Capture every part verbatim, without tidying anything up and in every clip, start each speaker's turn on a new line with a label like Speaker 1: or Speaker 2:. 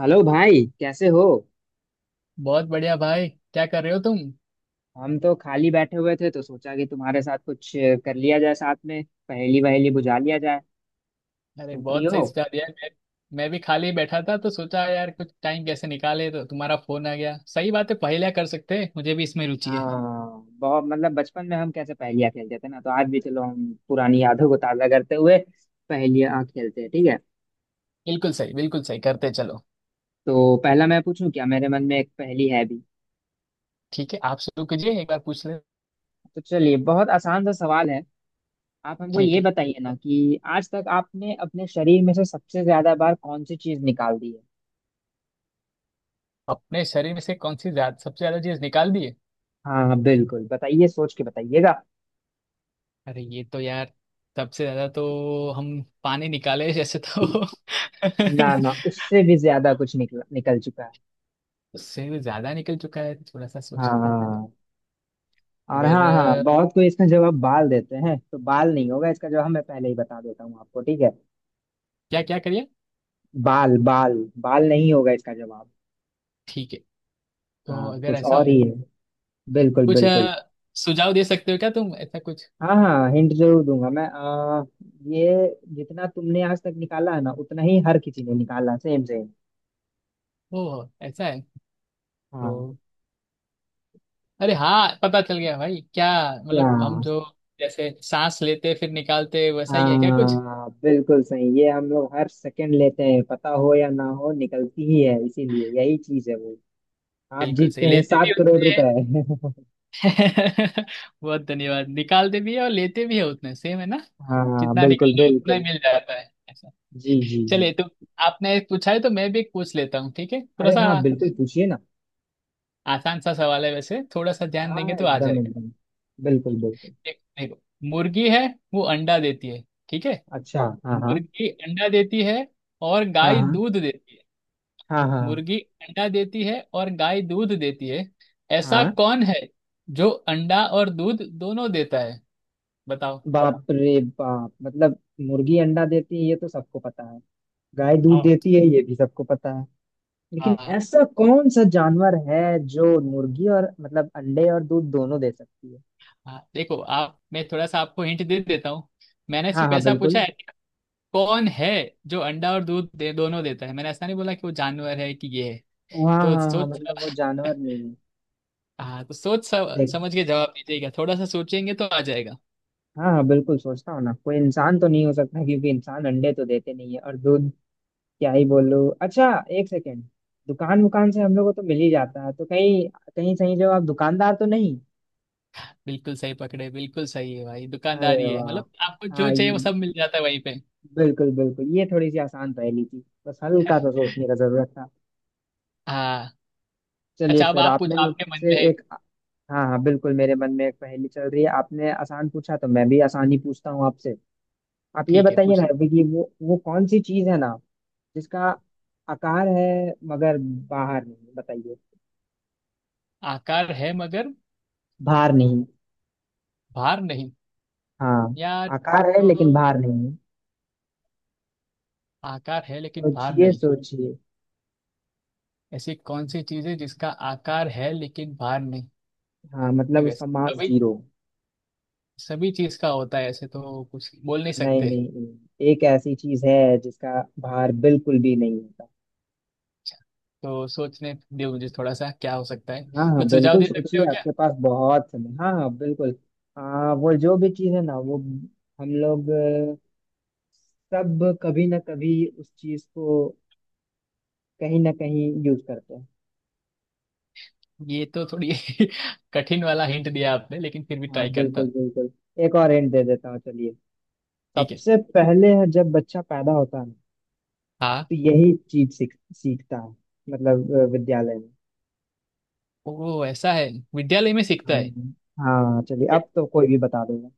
Speaker 1: Hello भाई, कैसे हो।
Speaker 2: बहुत बढ़िया भाई, क्या कर रहे हो तुम?
Speaker 1: हम तो खाली बैठे हुए थे तो सोचा कि तुम्हारे साथ कुछ कर लिया जाए, साथ में पहेली वहेली बुझा लिया जाए।
Speaker 2: अरे
Speaker 1: तुम फ्री
Speaker 2: बहुत
Speaker 1: हो?
Speaker 2: सही सुझाव दिया है। मैं मैं भी खाली बैठा था तो सोचा यार कुछ टाइम कैसे निकाले, तो तुम्हारा फोन आ गया। सही बात है, पहेलियां कर सकते हैं, मुझे भी इसमें रुचि है।
Speaker 1: हाँ बहुत, मतलब बचपन में हम कैसे पहेलियाँ खेलते थे ना, तो आज भी चलो हम पुरानी यादों को ताज़ा करते हुए पहेलियाँ खेलते हैं, ठीक है।
Speaker 2: बिल्कुल सही, बिल्कुल सही, करते चलो।
Speaker 1: तो पहला मैं पूछूं क्या, मेरे मन में एक पहेली है भी।
Speaker 2: ठीक है, आप शुरू कीजिए, एक बार पूछ ले।
Speaker 1: तो चलिए, बहुत आसान सा सवाल है। आप हमको
Speaker 2: ठीक
Speaker 1: ये
Speaker 2: है।
Speaker 1: बताइए ना कि आज तक आपने अपने शरीर में से सबसे ज्यादा बार कौन सी चीज निकाल दी है।
Speaker 2: अपने शरीर में से कौन सी ज्यादा, सबसे ज्यादा चीज निकाल दी है?
Speaker 1: हाँ हाँ बिल्कुल बताइए, सोच के बताइएगा।
Speaker 2: अरे ये तो यार, सबसे ज्यादा तो हम पानी निकाले जैसे तो
Speaker 1: ना ना, उससे भी ज्यादा कुछ निकल निकल चुका है।
Speaker 2: उससे भी ज्यादा निकल चुका है, थोड़ा सा सोच के देखने दो।
Speaker 1: हाँ। और हाँ हाँ,
Speaker 2: अगर
Speaker 1: बहुत कोई इसका जवाब बाल देते हैं, तो बाल नहीं होगा इसका जवाब, मैं पहले ही बता देता हूँ आपको, ठीक है।
Speaker 2: क्या क्या करिए,
Speaker 1: बाल बाल, बाल नहीं होगा इसका जवाब।
Speaker 2: ठीक है। तो
Speaker 1: हाँ,
Speaker 2: अगर
Speaker 1: कुछ
Speaker 2: ऐसा
Speaker 1: और
Speaker 2: है,
Speaker 1: ही है। बिल्कुल
Speaker 2: कुछ
Speaker 1: बिल्कुल।
Speaker 2: अ, सुझाव दे सकते हो क्या तुम, ऐसा कुछ?
Speaker 1: हाँ हाँ हिंट जरूर दूंगा मैं। आ, ये जितना तुमने आज तक निकाला है ना उतना ही हर किसी ने निकाला, सेम सेम।
Speaker 2: ओ ऐसा है।
Speaker 1: हाँ।
Speaker 2: तो अरे हाँ, पता चल गया भाई क्या।
Speaker 1: क्या?
Speaker 2: मतलब हम जो जैसे सांस लेते फिर निकालते, वैसा ही है क्या कुछ?
Speaker 1: हाँ बिल्कुल सही, ये हम लोग हर सेकंड लेते हैं, पता हो या ना हो निकलती ही है, इसीलिए यही चीज है वो। आप
Speaker 2: बिल्कुल
Speaker 1: जीतते
Speaker 2: सही,
Speaker 1: हैं
Speaker 2: लेते भी
Speaker 1: सात करोड़
Speaker 2: उतने हैं।
Speaker 1: रुपए
Speaker 2: बहुत धन्यवाद, निकालते भी है और लेते भी है, उतने सेम है ना?
Speaker 1: हाँ
Speaker 2: जितना
Speaker 1: बिल्कुल
Speaker 2: निकालो उतना ही
Speaker 1: बिल्कुल।
Speaker 2: मिल जाता है, ऐसा।
Speaker 1: जी जी जी।
Speaker 2: चलिए तो, आपने एक पूछा है तो मैं भी एक पूछ लेता हूँ, ठीक है, थोड़ा
Speaker 1: अरे
Speaker 2: सा।
Speaker 1: हाँ बिल्कुल, पूछिए ना।
Speaker 2: आसान सा सवाल है वैसे, थोड़ा सा ध्यान
Speaker 1: हाँ
Speaker 2: देंगे तो आ
Speaker 1: एकदम
Speaker 2: जाएगा।
Speaker 1: एकदम, बिल्कुल बिल्कुल।
Speaker 2: देख- देखो, मुर्गी है, वो अंडा देती है, ठीक है?
Speaker 1: अच्छा हाँ हाँ
Speaker 2: मुर्गी अंडा देती है और
Speaker 1: हाँ।
Speaker 2: गाय
Speaker 1: हाँ
Speaker 2: दूध देती है।
Speaker 1: हाँ। हाँ
Speaker 2: मुर्गी अंडा देती है और गाय दूध देती है, ऐसा
Speaker 1: हाँ।
Speaker 2: कौन है जो अंडा और दूध दोनों देता है? बताओ।
Speaker 1: बाप रे बाप, मतलब मुर्गी अंडा देती है ये तो सबको पता है, गाय दूध
Speaker 2: हाँ,
Speaker 1: देती है ये भी सबको पता। लेकिन
Speaker 2: हाँ,
Speaker 1: ऐसा कौन सा जानवर है जो मुर्गी और मतलब अंडे और दूध दोनों दे सकती है।
Speaker 2: हाँ। देखो आप, मैं थोड़ा सा आपको हिंट दे देता हूँ। मैंने
Speaker 1: हाँ
Speaker 2: सिर्फ
Speaker 1: हाँ
Speaker 2: ऐसा पूछा
Speaker 1: बिल्कुल।
Speaker 2: है कि कौन है जो अंडा और दूध दे, दोनों देता है। मैंने ऐसा नहीं बोला कि वो जानवर है कि ये है।
Speaker 1: हाँ
Speaker 2: तो
Speaker 1: हाँ हाँ,
Speaker 2: सोच।
Speaker 1: मतलब वो जानवर नहीं है।
Speaker 2: हाँ, तो सोच स-
Speaker 1: देख।
Speaker 2: समझ के जवाब दीजिएगा, थोड़ा सा सोचेंगे तो आ जाएगा।
Speaker 1: हाँ हाँ बिल्कुल सोचता हूँ ना, कोई इंसान तो नहीं हो सकता क्योंकि इंसान अंडे तो देते नहीं है और दूध क्या ही बोलूँ। अच्छा, एक सेकेंड। दुकान वुकान से हम लोगों को तो मिल ही जाता है, तो कहीं कहीं सही, जो आप दुकानदार तो नहीं।
Speaker 2: बिल्कुल सही पकड़े, बिल्कुल सही है भाई।
Speaker 1: अरे
Speaker 2: दुकानदारी है,
Speaker 1: वाह।
Speaker 2: मतलब आपको जो
Speaker 1: हाँ ये,
Speaker 2: चाहिए वो सब मिल जाता है वहीं पे।
Speaker 1: बिल्कुल बिल्कुल, ये थोड़ी सी आसान पहेली थी, बस हल्का सा सोचने का जरूरत था।
Speaker 2: हाँ।
Speaker 1: चलिए
Speaker 2: अच्छा, अब
Speaker 1: फिर,
Speaker 2: आप पूछ,
Speaker 1: आपने
Speaker 2: आपके मन
Speaker 1: मुझसे
Speaker 2: में है।
Speaker 1: एक। हाँ हाँ बिल्कुल, मेरे मन में एक पहेली चल रही है, आपने आसान पूछा तो मैं भी आसान ही पूछता हूँ आपसे। आप ये
Speaker 2: ठीक है,
Speaker 1: बताइए ना
Speaker 2: पूछ।
Speaker 1: अभी, कि वो वो कौन सी चीज है ना जिसका आकार है मगर बाहर नहीं बताइए,
Speaker 2: आकार है मगर
Speaker 1: भार नहीं।
Speaker 2: भार नहीं?
Speaker 1: हाँ,
Speaker 2: यार,
Speaker 1: आकार है
Speaker 2: तो
Speaker 1: लेकिन भार नहीं है।
Speaker 2: आकार है लेकिन भार
Speaker 1: सोचिए
Speaker 2: नहीं।
Speaker 1: सोचिए।
Speaker 2: ऐसी कौन सी चीज है जिसका आकार है लेकिन भार नहीं?
Speaker 1: हाँ मतलब
Speaker 2: ये
Speaker 1: उसका
Speaker 2: वैसे
Speaker 1: मास
Speaker 2: सभी
Speaker 1: जीरो।
Speaker 2: सभी चीज का होता है ऐसे, तो कुछ बोल नहीं
Speaker 1: नहीं
Speaker 2: सकते।
Speaker 1: नहीं नहीं, एक ऐसी चीज है जिसका भार बिल्कुल भी नहीं है।
Speaker 2: अच्छा, तो सोचने दो मुझे थोड़ा सा, क्या हो सकता है?
Speaker 1: हाँ हाँ
Speaker 2: कुछ सुझाव
Speaker 1: बिल्कुल
Speaker 2: दे सकते हो
Speaker 1: सोचिए,
Speaker 2: क्या?
Speaker 1: आपके पास बहुत समय, हाँ हाँ बिल्कुल। आ, वो जो भी चीज़ है ना, वो हम लोग अ, सब कभी ना कभी उस चीज़ को कहीं ना कहीं यूज करते हैं।
Speaker 2: ये तो थोड़ी कठिन वाला हिंट दिया आपने, लेकिन फिर भी
Speaker 1: हाँ
Speaker 2: ट्राई करता
Speaker 1: बिल्कुल
Speaker 2: हूँ।
Speaker 1: बिल्कुल, एक और हिंट दे देता हूँ, चलिए।
Speaker 2: ठीक है।
Speaker 1: सबसे पहले है जब बच्चा पैदा होता है ना,
Speaker 2: हाँ।
Speaker 1: तो यही चीज सीख सीखता है, मतलब अ, विद्यालय में।
Speaker 2: वो ऐसा है, विद्यालय में सीखता
Speaker 1: हाँ
Speaker 2: है?
Speaker 1: हाँ, चलिए
Speaker 2: But
Speaker 1: अब तो कोई भी बता देगा।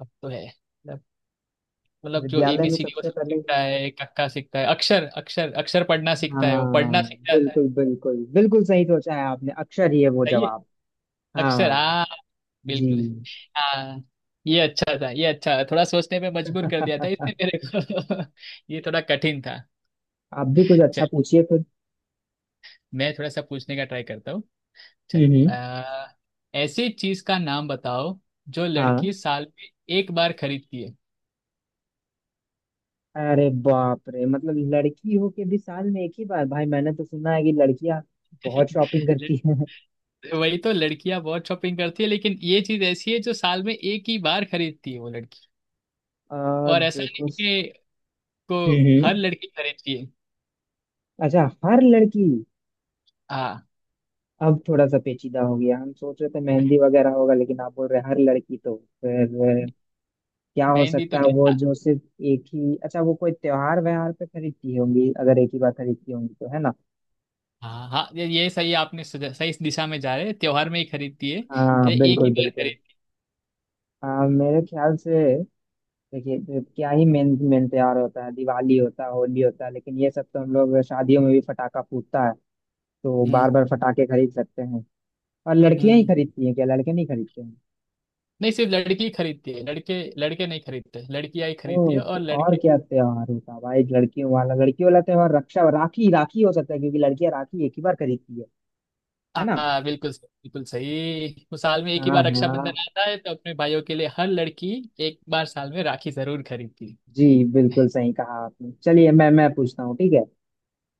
Speaker 2: अब तो है मतलब मतलब जो ए
Speaker 1: विद्यालय
Speaker 2: बी
Speaker 1: में
Speaker 2: सी डी वो
Speaker 1: सबसे
Speaker 2: सब
Speaker 1: पहले।
Speaker 2: सीखता है, कक्का सीखता है, अक्षर अक्षर अक्षर पढ़ना सीखता है, वो पढ़ना
Speaker 1: हाँ
Speaker 2: सीख जाता है।
Speaker 1: बिल्कुल बिल्कुल बिल्कुल, सही सोचा है आपने, अक्षर ही है वो
Speaker 2: सही है।
Speaker 1: जवाब।
Speaker 2: अक्षर,
Speaker 1: हाँ।
Speaker 2: हाँ।
Speaker 1: जी।
Speaker 2: बिल्कुल, हाँ। ये अच्छा था, ये अच्छा, थोड़ा सोचने पे मजबूर कर दिया था इसने मेरे को। ये थोड़ा कठिन था।
Speaker 1: आप भी कुछ अच्छा पूछिए फिर।
Speaker 2: मैं थोड़ा सा पूछने का ट्राई करता हूँ।
Speaker 1: हम्म
Speaker 2: चलो
Speaker 1: हम्म,
Speaker 2: आ, ऐसी चीज का नाम बताओ जो
Speaker 1: हाँ।
Speaker 2: लड़की साल में एक बार खरीदती है।
Speaker 1: अरे बाप रे, मतलब लड़की हो के भी साल में एक ही बार, भाई मैंने तो सुना है कि लड़कियां बहुत शॉपिंग
Speaker 2: लड़-
Speaker 1: करती हैं।
Speaker 2: वही तो, लड़कियां बहुत शॉपिंग करती है, लेकिन ये चीज ऐसी है जो साल में एक ही बार खरीदती है वो लड़की।
Speaker 1: आ,
Speaker 2: और ऐसा नहीं
Speaker 1: देखो।
Speaker 2: कि को
Speaker 1: हम्म
Speaker 2: हर
Speaker 1: हम्म,
Speaker 2: लड़की खरीदती है।
Speaker 1: अच्छा हर लड़की।
Speaker 2: हाँ,
Speaker 1: अब थोड़ा सा पेचीदा हो गया, हम सोच रहे थे मेहंदी वगैरह होगा लेकिन आप बोल रहे हैं हर लड़की, तो फिर अ, क्या हो
Speaker 2: मेहंदी तो
Speaker 1: सकता है वो
Speaker 2: क्या।
Speaker 1: जो सिर्फ एक ही। अच्छा, वो कोई त्योहार व्यवहार पे खरीदती होंगी, अगर एक ही बार खरीदती होंगी तो, है ना।
Speaker 2: हाँ हाँ, ये ये सही, आपने सजा- सही इस दिशा में जा रहे हैं, त्योहार में ही खरीदती है,
Speaker 1: हाँ
Speaker 2: अरे एक ही
Speaker 1: बिल्कुल
Speaker 2: बार
Speaker 1: बिल्कुल।
Speaker 2: खरीद।
Speaker 1: हाँ मेरे ख्याल से देखिए, तो क्या ही मेन मेन त्योहार होता है, दिवाली होता है, होली होता है, लेकिन ये सब तो हम लोग शादियों में भी फटाका फूटता है, तो बार
Speaker 2: हम्म,
Speaker 1: बार फटाके खरीद सकते हैं, और लड़कियां ही
Speaker 2: हम्म।
Speaker 1: खरीदती हैं क्या, लड़के नहीं खरीदते हैं।
Speaker 2: नहीं, सिर्फ लड़की खरीदती है लड़के लड़के नहीं खरीदते, लड़कियां ही खरीदती है
Speaker 1: ओ, तो
Speaker 2: और
Speaker 1: और
Speaker 2: लड़के।
Speaker 1: क्या त्योहार होता है भाई, लड़कियों वाला लड़कियों वाला त्योहार, रक्षा राखी, राखी हो सकता है क्योंकि लड़कियां राखी एक ही बार खरीदती है है ना।
Speaker 2: हाँ बिल्कुल सही, बिल्कुल सही, वो साल में एक
Speaker 1: हाँ
Speaker 2: ही बार
Speaker 1: हाँ।
Speaker 2: रक्षाबंधन आता है तो अपने भाइयों के लिए हर लड़की एक बार साल में राखी जरूर खरीदती है।
Speaker 1: जी, बिल्कुल सही कहा आपने। चलिए मैं मैं पूछता हूँ, ठीक है।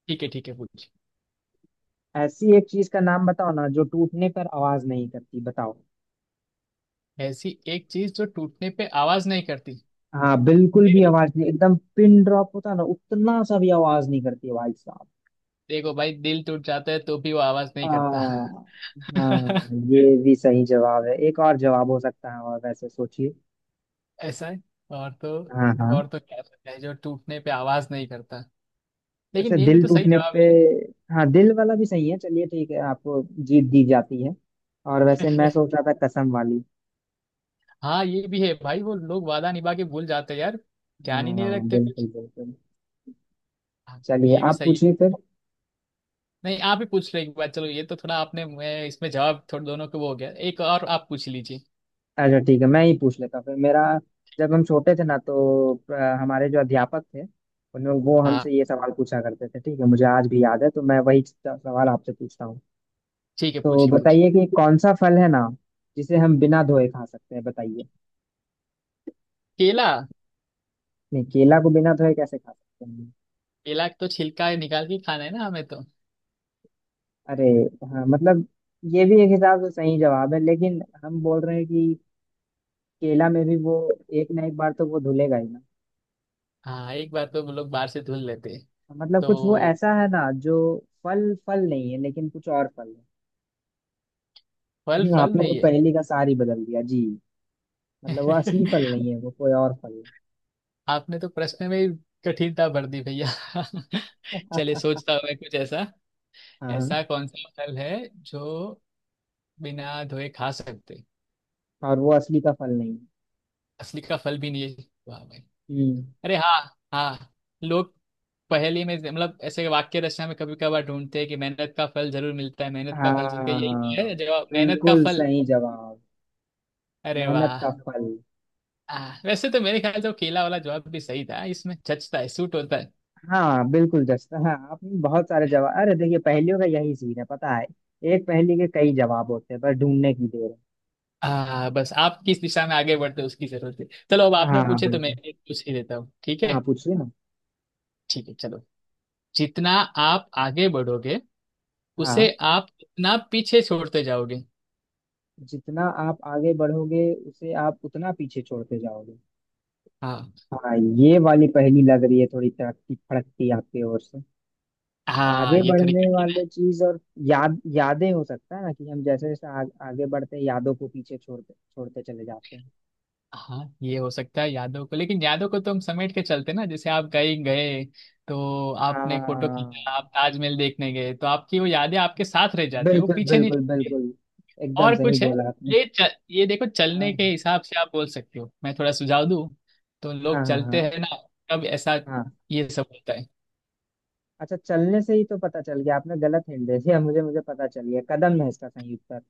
Speaker 2: ठीक है, ठीक है, पूछ।
Speaker 1: ऐसी एक चीज का नाम बताओ ना जो टूटने पर आवाज नहीं करती, बताओ।
Speaker 2: ऐसी एक चीज जो टूटने पे आवाज नहीं करती?
Speaker 1: हाँ बिल्कुल भी
Speaker 2: दिल।
Speaker 1: आवाज नहीं, एकदम पिन ड्रॉप होता है ना, उतना सा भी आवाज नहीं करती है भाई साहब।
Speaker 2: देखो भाई, दिल टूट जाता है तो भी वो आवाज नहीं करता।
Speaker 1: आ, हाँ, ये भी सही जवाब है, एक और जवाब हो सकता है, और वैसे सोचिए।
Speaker 2: ऐसा है? और तो,
Speaker 1: हाँ हाँ।
Speaker 2: और तो क्या सकता है जो टूटने पे आवाज नहीं करता?
Speaker 1: वैसे
Speaker 2: लेकिन ये भी
Speaker 1: दिल
Speaker 2: तो सही
Speaker 1: टूटने
Speaker 2: जवाब
Speaker 1: पे, हाँ दिल वाला भी सही है, चलिए ठीक है, आपको जीत दी जाती है। और वैसे मैं
Speaker 2: है।
Speaker 1: सोच रहा था कसम वाली।
Speaker 2: हाँ, ये भी है भाई, वो लोग वादा निभा के भूल जाते हैं यार, ध्यान ही
Speaker 1: हाँ
Speaker 2: नहीं रखते
Speaker 1: बिल्कुल
Speaker 2: कुछ।
Speaker 1: बिल्कुल,
Speaker 2: हाँ,
Speaker 1: चलिए
Speaker 2: ये भी
Speaker 1: आप
Speaker 2: सही है।
Speaker 1: पूछिए फिर।
Speaker 2: नहीं, आप ही पूछ लो एक बार। चलो, ये तो थोड़ा आपने, मैं इसमें जवाब थोड़े दोनों के वो हो गया, एक और आप पूछ लीजिए।
Speaker 1: अच्छा ठीक है, मैं ही पूछ लेता हूँ फिर मेरा। जब हम छोटे थे ना तो अ, हमारे जो अध्यापक थे, उन वो
Speaker 2: हाँ
Speaker 1: हमसे ये सवाल पूछा करते थे, ठीक है, मुझे आज भी याद है, तो मैं वही स- सवाल आपसे पूछता हूँ।
Speaker 2: ठीक है,
Speaker 1: तो
Speaker 2: पूछिए पूछिए।
Speaker 1: बताइए कि कौन सा फल है ना जिसे हम बिना धोए खा सकते हैं, बताइए।
Speaker 2: केला।
Speaker 1: नहीं, केला को बिना धोए कैसे खा सकते हैं।
Speaker 2: केला तो छिलका निकाल के खाना है ना हमें तो।
Speaker 1: अरे, हाँ मतलब ये भी एक हिसाब से सही जवाब है, लेकिन हम बोल रहे हैं कि केला में भी वो एक ना एक बार तो वो धुलेगा ही ना।
Speaker 2: हाँ, एक बार तो वो लोग बाहर से धुल लेते हैं,
Speaker 1: मतलब कुछ वो
Speaker 2: तो
Speaker 1: ऐसा है ना जो फल फल नहीं है, लेकिन कुछ और फल है।
Speaker 2: फल
Speaker 1: हम्म,
Speaker 2: फल
Speaker 1: आपने वो
Speaker 2: नहीं है।
Speaker 1: पहले का सार ही बदल दिया जी, मतलब वो असली फल नहीं है, वो कोई और फल है।
Speaker 2: आपने तो प्रश्न में ही कठिनता भर दी, भैया। चलिए, सोचता हूँ मैं कुछ ऐसा,
Speaker 1: हाँ हाँ,
Speaker 2: ऐसा कौन सा फल है जो बिना धोए खा सकते?
Speaker 1: और वो असली का फल नहीं है।
Speaker 2: असली का फल भी नहीं है, वाह भाई।
Speaker 1: हम्म।
Speaker 2: अरे हाँ, हाँ लोग पहेली में मतलब ऐसे वाक्य रचना में कभी कभार ढूंढते हैं कि मेहनत का फल जरूर मिलता है, मेहनत का फल जरूर, क्या यही तो
Speaker 1: हाँ
Speaker 2: है जवाब, मेहनत का
Speaker 1: बिल्कुल
Speaker 2: फल।
Speaker 1: सही जवाब,
Speaker 2: अरे
Speaker 1: मेहनत
Speaker 2: वाह।
Speaker 1: का फल।
Speaker 2: आ, वैसे तो मेरे ख्याल से वो केला वाला जवाब भी सही था, इसमें जचता है, सूट होता है।
Speaker 1: हाँ बिल्कुल जस्ट, हाँ आपने बहुत सारे जवाब, अरे देखिए पहेलियों का यही सीन है पता है, एक पहेली के कई जवाब होते हैं, पर ढूंढने की देर
Speaker 2: आ, बस आप किस दिशा में आगे बढ़ते हो उसकी जरूरत है। चलो, अब
Speaker 1: है।
Speaker 2: आपने
Speaker 1: हाँ
Speaker 2: पूछे तो मैं
Speaker 1: बिल्कुल,
Speaker 2: एक पूछ ही देता हूँ, ठीक
Speaker 1: हाँ
Speaker 2: है।
Speaker 1: पूछिए ना।
Speaker 2: ठीक है, चलो, जितना आप आगे बढ़ोगे
Speaker 1: हाँ,
Speaker 2: उसे आप उतना पीछे छोड़ते जाओगे।
Speaker 1: जितना आप आगे बढ़ोगे उसे आप उतना पीछे छोड़ते जाओगे।
Speaker 2: हाँ।
Speaker 1: हाँ, ये वाली पहेली लग रही है थोड़ी तड़कती फड़कती आपकी ओर से।
Speaker 2: हाँ
Speaker 1: आगे
Speaker 2: ये थोड़ी,
Speaker 1: बढ़ने वाले चीज, और याद, यादें हो सकता है ना कि हम जैसे जैसे आ, आगे बढ़ते हैं, यादों को पीछे छोड़ते छोड़ते चले जाते हैं।
Speaker 2: हाँ ये हो सकता है यादों को, लेकिन यादों को तो हम समेट के चलते ना, जैसे आप कहीं गए तो आपने फोटो
Speaker 1: हाँ
Speaker 2: खींचा, आप ताजमहल देखने गए तो आपकी वो यादें आपके साथ रह जाती है, वो
Speaker 1: बिल्कुल
Speaker 2: पीछे नहीं
Speaker 1: बिल्कुल
Speaker 2: छूटती।
Speaker 1: बिल्कुल, एकदम
Speaker 2: और
Speaker 1: सही
Speaker 2: कुछ है?
Speaker 1: बोला आपने।
Speaker 2: ये चल, ये देखो,
Speaker 1: हाँ
Speaker 2: चलने के हिसाब से आप बोल सकते हो, मैं थोड़ा सुझाव दूं, तो लोग
Speaker 1: हाँ हाँ हाँ
Speaker 2: चलते हैं ना, तब ऐसा
Speaker 1: हाँ।
Speaker 2: ये सब होता है।
Speaker 1: अच्छा, चलने से ही तो पता चल गया, आपने गलत हिंट दे दिया, मुझे मुझे पता चल गया, कदम है इसका सही उत्तर।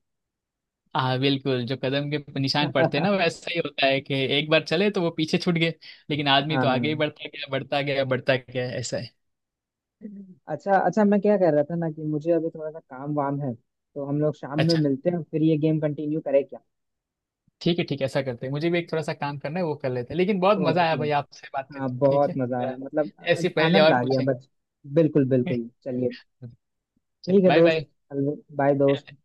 Speaker 2: हाँ बिल्कुल, जो कदम के निशान पड़ते हैं ना, वैसा ही होता है कि एक बार चले तो वो पीछे छूट गए। लेकिन आदमी तो आगे ही
Speaker 1: हाँ।
Speaker 2: बढ़ता गया, बढ़ता गया, बढ़ता गया, ऐसा है।
Speaker 1: अच्छा अच्छा, मैं क्या कह रहा था ना कि मुझे अभी थोड़ा सा काम वाम है, तो हम लोग शाम में
Speaker 2: अच्छा,
Speaker 1: मिलते हैं, फिर ये गेम कंटिन्यू करें क्या।
Speaker 2: ठीक है ठीक है, ऐसा करते हैं। मुझे भी एक थोड़ा सा काम करना है, वो कर लेते हैं, लेकिन बहुत मजा आया
Speaker 1: ओके,
Speaker 2: भाई आपसे बात
Speaker 1: हाँ
Speaker 2: करके, ठीक
Speaker 1: बहुत
Speaker 2: है
Speaker 1: मजा आया,
Speaker 2: थोड़ा।
Speaker 1: मतलब
Speaker 2: ऐसी
Speaker 1: आ-
Speaker 2: पहेली
Speaker 1: आनंद
Speaker 2: और
Speaker 1: आ गया
Speaker 2: पूछेंगे।
Speaker 1: बच। बिल्कुल बिल्कुल, चलिए
Speaker 2: चल,
Speaker 1: ठीक है
Speaker 2: बाय।
Speaker 1: दोस्त। बाय दोस्त।
Speaker 2: बाय।